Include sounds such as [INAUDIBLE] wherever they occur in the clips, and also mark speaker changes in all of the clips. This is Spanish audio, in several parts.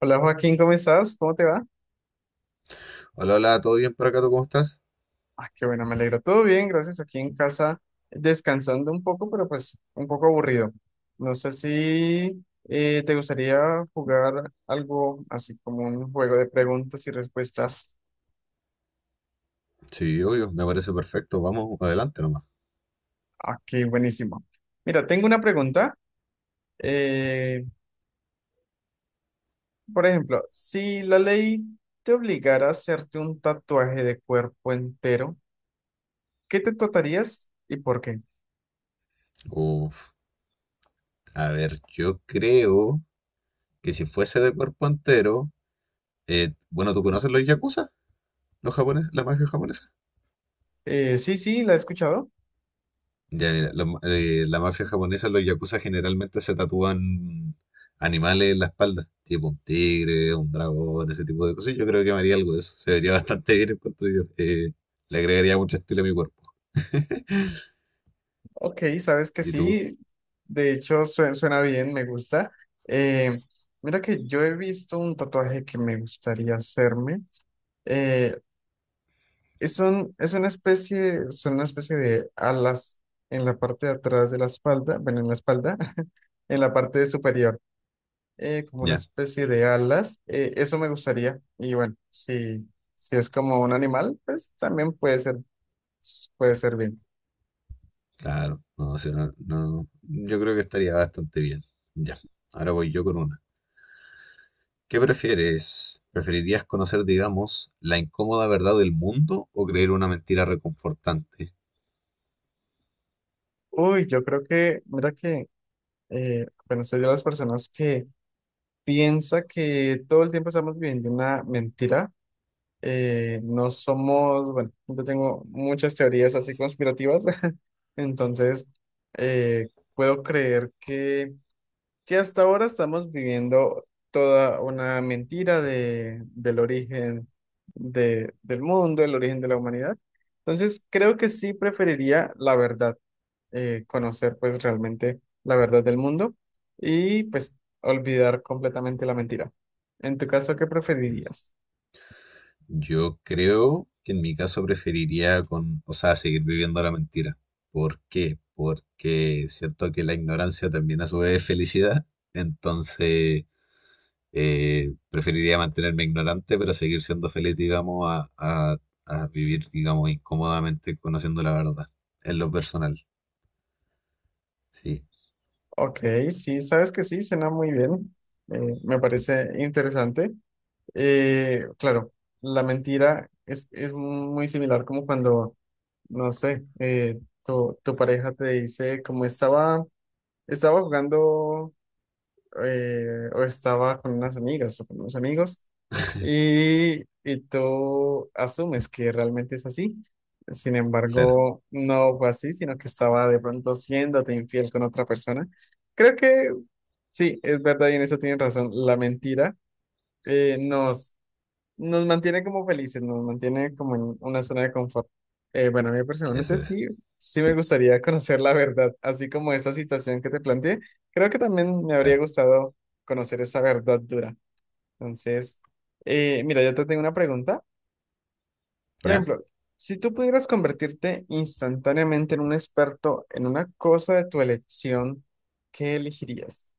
Speaker 1: Hola, Joaquín, ¿cómo estás? ¿Cómo te va?
Speaker 2: Hola, hola, ¿todo bien por acá? ¿Tú cómo estás?
Speaker 1: Ah, qué bueno, me alegro. Todo bien, gracias. Aquí en casa descansando un poco, pero pues un poco aburrido. No sé si te gustaría jugar algo así como un juego de preguntas y respuestas.
Speaker 2: Sí, obvio, me parece perfecto. Vamos, adelante nomás.
Speaker 1: Aquí, buenísimo. Mira, tengo una pregunta. Eh, por ejemplo, si la ley te obligara a hacerte un tatuaje de cuerpo entero, ¿qué te tatuarías y por qué?
Speaker 2: Uf, a ver, yo creo que si fuese de cuerpo entero, bueno, ¿tú conoces los yakuza? ¿Los japoneses? ¿La mafia japonesa?
Speaker 1: Sí, sí, la he escuchado.
Speaker 2: Ya, mira, la mafia japonesa, los yakuza generalmente se tatúan animales en la espalda, tipo un tigre, un dragón, ese tipo de cosas. Yo creo que me haría algo de eso. Se vería bastante bien en cuanto yo. Le agregaría mucho estilo a mi cuerpo. [LAUGHS]
Speaker 1: Ok, sabes que
Speaker 2: ¿Y tú?
Speaker 1: sí, de hecho suena bien, me gusta. Eh, Mira que yo he visto un tatuaje que me gustaría hacerme. Eh, es es una especie, son una especie de alas en la parte de atrás de la espalda, bueno, en la espalda, [LAUGHS] en la parte superior, como una
Speaker 2: Ya.
Speaker 1: especie de alas. Eso me gustaría. Y bueno, si, si es como un animal, pues también puede ser bien.
Speaker 2: Claro, no, si no, no, yo creo que estaría bastante bien. Ya, ahora voy yo con una. ¿Qué prefieres? ¿Preferirías conocer, digamos, la incómoda verdad del mundo o creer una mentira reconfortante?
Speaker 1: Uy, yo creo que, mira que bueno, soy de las personas que piensa que todo el tiempo estamos viviendo una mentira. No somos, bueno, yo tengo muchas teorías así conspirativas, [LAUGHS] entonces puedo creer que hasta ahora estamos viviendo toda una mentira de, del origen de- del mundo, el origen de la humanidad. Entonces creo que sí preferiría la verdad, conocer pues realmente la verdad del mundo y pues olvidar completamente la mentira. En tu caso, ¿qué
Speaker 2: Mm,
Speaker 1: preferirías?
Speaker 2: yo creo que en mi caso preferiría con, o sea, seguir viviendo la mentira. ¿Por qué? Porque siento que la ignorancia también a su vez es felicidad. Entonces, preferiría mantenerme ignorante, pero seguir siendo feliz, digamos, a vivir, digamos, incómodamente conociendo la verdad. En lo personal. Sí,
Speaker 1: Ok, sí, sabes que sí, suena muy bien, me parece interesante. Claro, la mentira es muy similar como cuando, no sé, tu pareja te dice como estaba, estaba jugando. O estaba con unas amigas o con unos amigos y tú asumes que realmente es así. Sin
Speaker 2: claro,
Speaker 1: embargo, no fue así, sino que estaba de pronto siéndote infiel con otra persona. Creo que sí, es verdad y en eso tienes razón. La mentira nos mantiene como felices, nos mantiene como en una zona de confort. Bueno, a mí
Speaker 2: eso
Speaker 1: personalmente
Speaker 2: es.
Speaker 1: sí, sí me gustaría [LAUGHS] conocer la verdad, así como esa situación que te planteé. Creo que también me habría
Speaker 2: Claro.
Speaker 1: gustado conocer esa verdad dura. Entonces, mira, yo te tengo una pregunta. Por
Speaker 2: ¿Ya?
Speaker 1: ejemplo, si tú pudieras convertirte instantáneamente en un experto en una cosa de tu elección, ¿qué elegirías?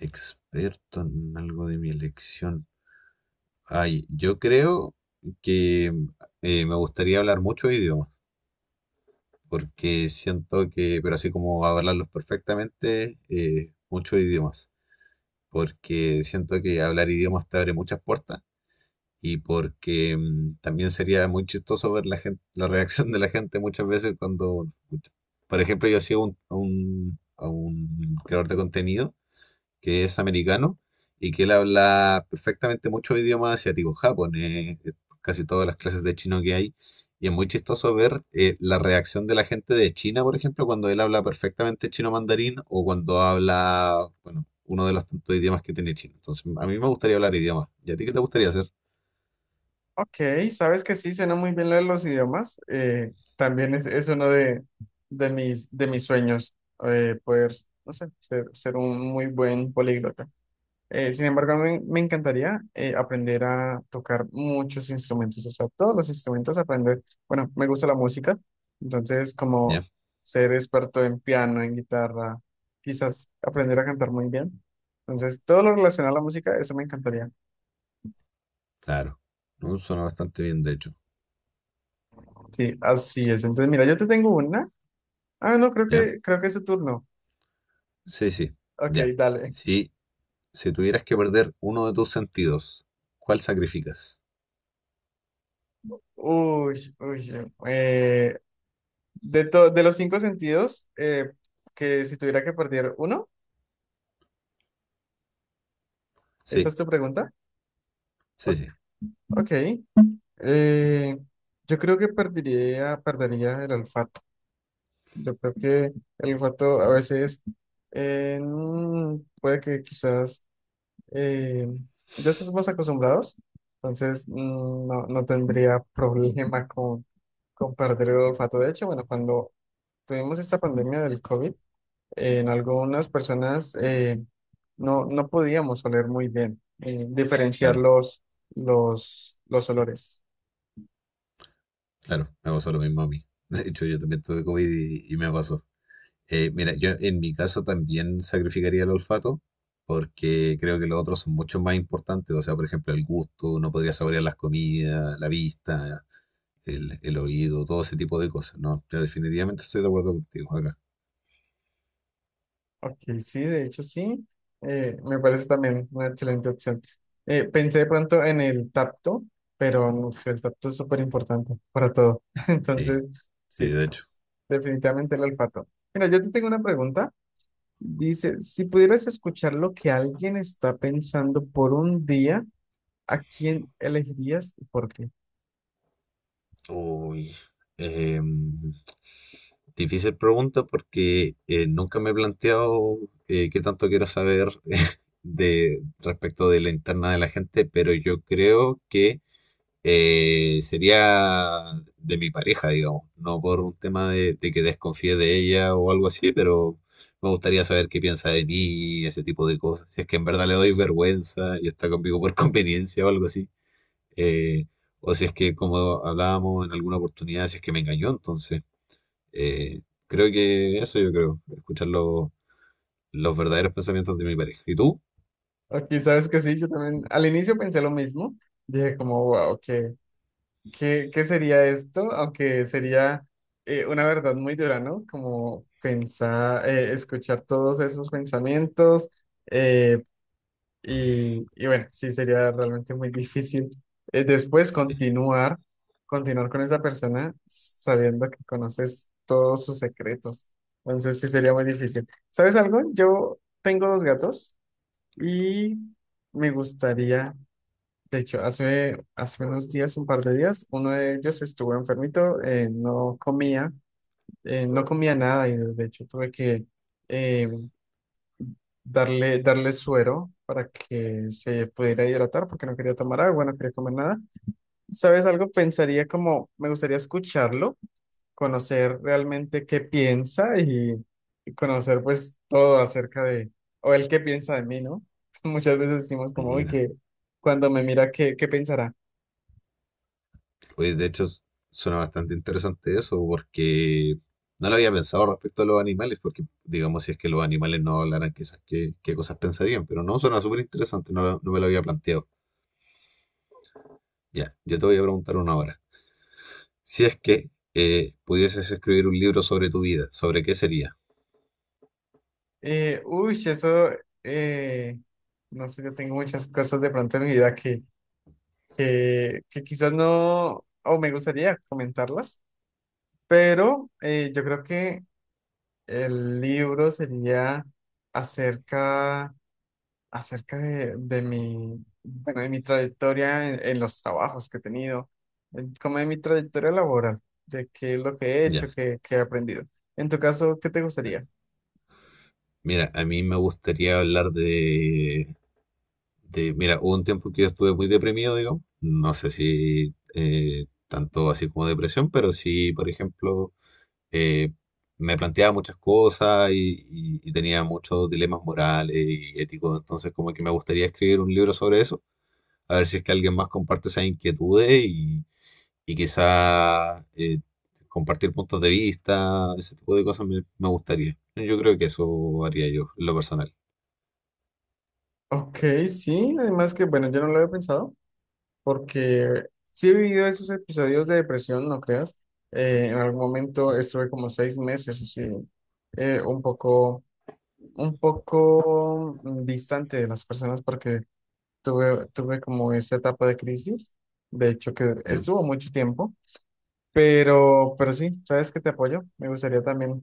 Speaker 2: Experto en algo de mi elección. Ay, yo creo que me gustaría hablar muchos idiomas, porque siento que, pero así como hablarlos perfectamente, muchos idiomas, porque siento que hablar idiomas te abre muchas puertas y porque también sería muy chistoso ver la gente, la reacción de la gente muchas veces cuando, por ejemplo, yo sigo a un creador de contenido que es americano y que él habla perfectamente muchos idiomas asiáticos, japonés, casi todas las clases de chino que hay. Y es muy chistoso ver la reacción de la gente de China, por ejemplo, cuando él habla perfectamente chino mandarín o cuando habla, bueno, uno de los tantos idiomas que tiene China. Entonces, a mí me gustaría hablar idiomas. ¿Y a ti qué te gustaría hacer?
Speaker 1: Ok, sabes que sí, suena muy bien lo de los idiomas. También es uno de mis sueños, poder, no sé, ser, ser un muy buen políglota. Sin embargo, me encantaría aprender a tocar muchos instrumentos, o sea, todos los instrumentos, aprender. Bueno, me gusta la música, entonces como ser experto en piano, en guitarra, quizás aprender a cantar muy bien. Entonces, todo lo relacionado a la música, eso me encantaría.
Speaker 2: Claro, ¿no? Suena bastante bien, de hecho.
Speaker 1: Sí, así es. Entonces, mira, yo te tengo una. Ah, no,
Speaker 2: ¿Ya?
Speaker 1: creo que es su turno.
Speaker 2: Sí, sí,
Speaker 1: Ok,
Speaker 2: ya.
Speaker 1: dale.
Speaker 2: Si, si tuvieras que perder uno de tus sentidos, ¿cuál sacrificas?
Speaker 1: Uy, uy. De, de los cinco sentidos, que si tuviera que perder uno, ¿esa
Speaker 2: Sí,
Speaker 1: es tu pregunta?
Speaker 2: sí,
Speaker 1: O-
Speaker 2: sí,
Speaker 1: Ok. eh, yo creo que perdería, perdería el olfato. Yo creo que el olfato a veces eh, mm, puede que quizás eh, ya estamos acostumbrados, entonces no, no tendría problema con perder el olfato. De hecho, bueno, cuando tuvimos esta pandemia del COVID, en algunas personas no, no podíamos oler muy bien, diferenciar
Speaker 2: claro,
Speaker 1: los olores.
Speaker 2: claro. Me pasó lo mismo a mí. [LAUGHS] De hecho, yo también tuve COVID y me pasó. Mira, yo en mi caso también sacrificaría el olfato porque creo que los otros son mucho más importantes. O sea, por ejemplo, el gusto, no podría saborear las comidas, la vista, el oído, todo ese tipo de cosas. No, yo definitivamente estoy de acuerdo contigo acá.
Speaker 1: Ok, sí, de hecho sí, me parece también una excelente opción. Pensé de pronto en el tacto, pero uf, el tacto es súper importante para todo. [LAUGHS]
Speaker 2: Sí,
Speaker 1: Entonces,
Speaker 2: sí,
Speaker 1: sí,
Speaker 2: de hecho.
Speaker 1: definitivamente el olfato. Mira, yo te tengo una pregunta. Dice, si pudieras escuchar lo que alguien está pensando por un día, ¿a quién elegirías y por qué?
Speaker 2: Uy, em, difícil pregunta porque nunca me he planteado qué tanto quiero saber [LAUGHS] de respecto de la interna de la gente, pero yo creo que sería de mi pareja, digamos, no por un tema de que desconfíe de ella o algo así, pero me gustaría saber qué piensa de mí, ese tipo de cosas, si es que en verdad le doy vergüenza y está conmigo por [LAUGHS] conveniencia o algo así. eh, o si es que, como hablábamos en alguna oportunidad, si es que me engañó, entonces eh, creo que eso yo creo, escuchar los verdaderos pensamientos de mi pareja. ¿Y tú?
Speaker 1: Ok, sabes que sí, yo también al inicio pensé lo mismo. Dije como, wow, ¿qué, qué, qué sería esto? Aunque sería una verdad muy dura, ¿no? Como pensar, escuchar todos esos pensamientos, eh, y bueno, sí sería realmente muy difícil después
Speaker 2: Sí,
Speaker 1: continuar, continuar con esa persona sabiendo que conoces todos sus secretos. Entonces sí sería muy difícil. ¿Sabes algo? Yo tengo dos gatos y me gustaría, de hecho, hace, hace unos días, un par de días, uno de ellos estuvo enfermito, no comía, no comía nada y de hecho tuve que em, darle, darle suero para que se pudiera hidratar porque no quería tomar agua, no quería comer nada. ¿Sabes algo? Pensaría como, me gustaría escucharlo, conocer realmente qué piensa y conocer pues todo acerca de, o él qué piensa de mí, ¿no? [LAUGHS] Muchas veces decimos como, uy,
Speaker 2: mira,
Speaker 1: que cuando me mira, ¿qué, qué pensará?
Speaker 2: pues suena bastante interesante eso porque no lo había pensado respecto a los animales, porque digamos si es que los animales no hablaran, quizás qué, qué cosas pensarían, pero no, suena súper interesante, no me lo había planteado. Ya, yo te voy a preguntar una ahora. Si es que pudieses escribir un libro sobre tu vida, ¿sobre qué sería?
Speaker 1: Uy, eso, eh, no sé, yo tengo muchas cosas de pronto en mi vida que quizás no, o me gustaría comentarlas. Pero yo creo que el libro sería acerca, acerca de mi, bueno, de mi trayectoria en los trabajos que he tenido, en- como de mi trayectoria laboral, de qué es lo que he
Speaker 2: Ya,
Speaker 1: hecho, qué, qué he aprendido. En tu caso, ¿qué te gustaría?
Speaker 2: mira, a mí me gustaría hablar de, mira, hubo un tiempo que yo estuve muy deprimido, digamos, no sé si tanto así como depresión, pero sí, por ejemplo, eh, me planteaba muchas cosas y, y tenía muchos dilemas morales y éticos, entonces como que me gustaría escribir un libro sobre eso, a ver si es que alguien más comparte esas inquietudes y quizá compartir puntos de vista, ese tipo de cosas me, me gustaría. Yo creo que eso haría yo, en lo personal.
Speaker 1: Ok, sí, además que, bueno, yo no lo había pensado, porque sí he vivido esos episodios de depresión, no creas. En algún momento estuve como 6 meses así, eh, un poco, un poco distante de las personas porque tuve, tuve como esa etapa de crisis, de hecho que
Speaker 2: ¿Ya?
Speaker 1: estuvo mucho tiempo, pero sí, sabes que te apoyo, me gustaría también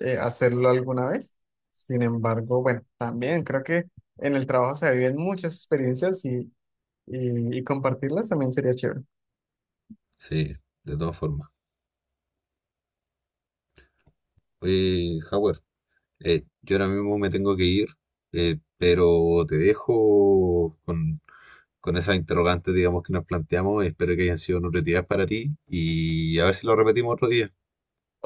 Speaker 1: hacerlo alguna vez. Sin embargo, bueno, también creo que en el trabajo se viven muchas experiencias y compartirlas también sería chévere.
Speaker 2: Sí, de todas formas. Oye, Howard. Yo ahora mismo me tengo que ir, pero te dejo con esas interrogantes, digamos, que nos planteamos. Espero que hayan sido nutritivas para ti y a ver si lo repetimos otro día.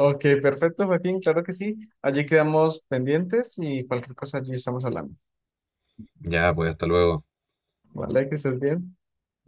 Speaker 1: Ok, perfecto, Joaquín, claro que sí. Allí quedamos pendientes y cualquier cosa allí estamos hablando.
Speaker 2: Ya, pues hasta luego.
Speaker 1: Vale, que estés bien.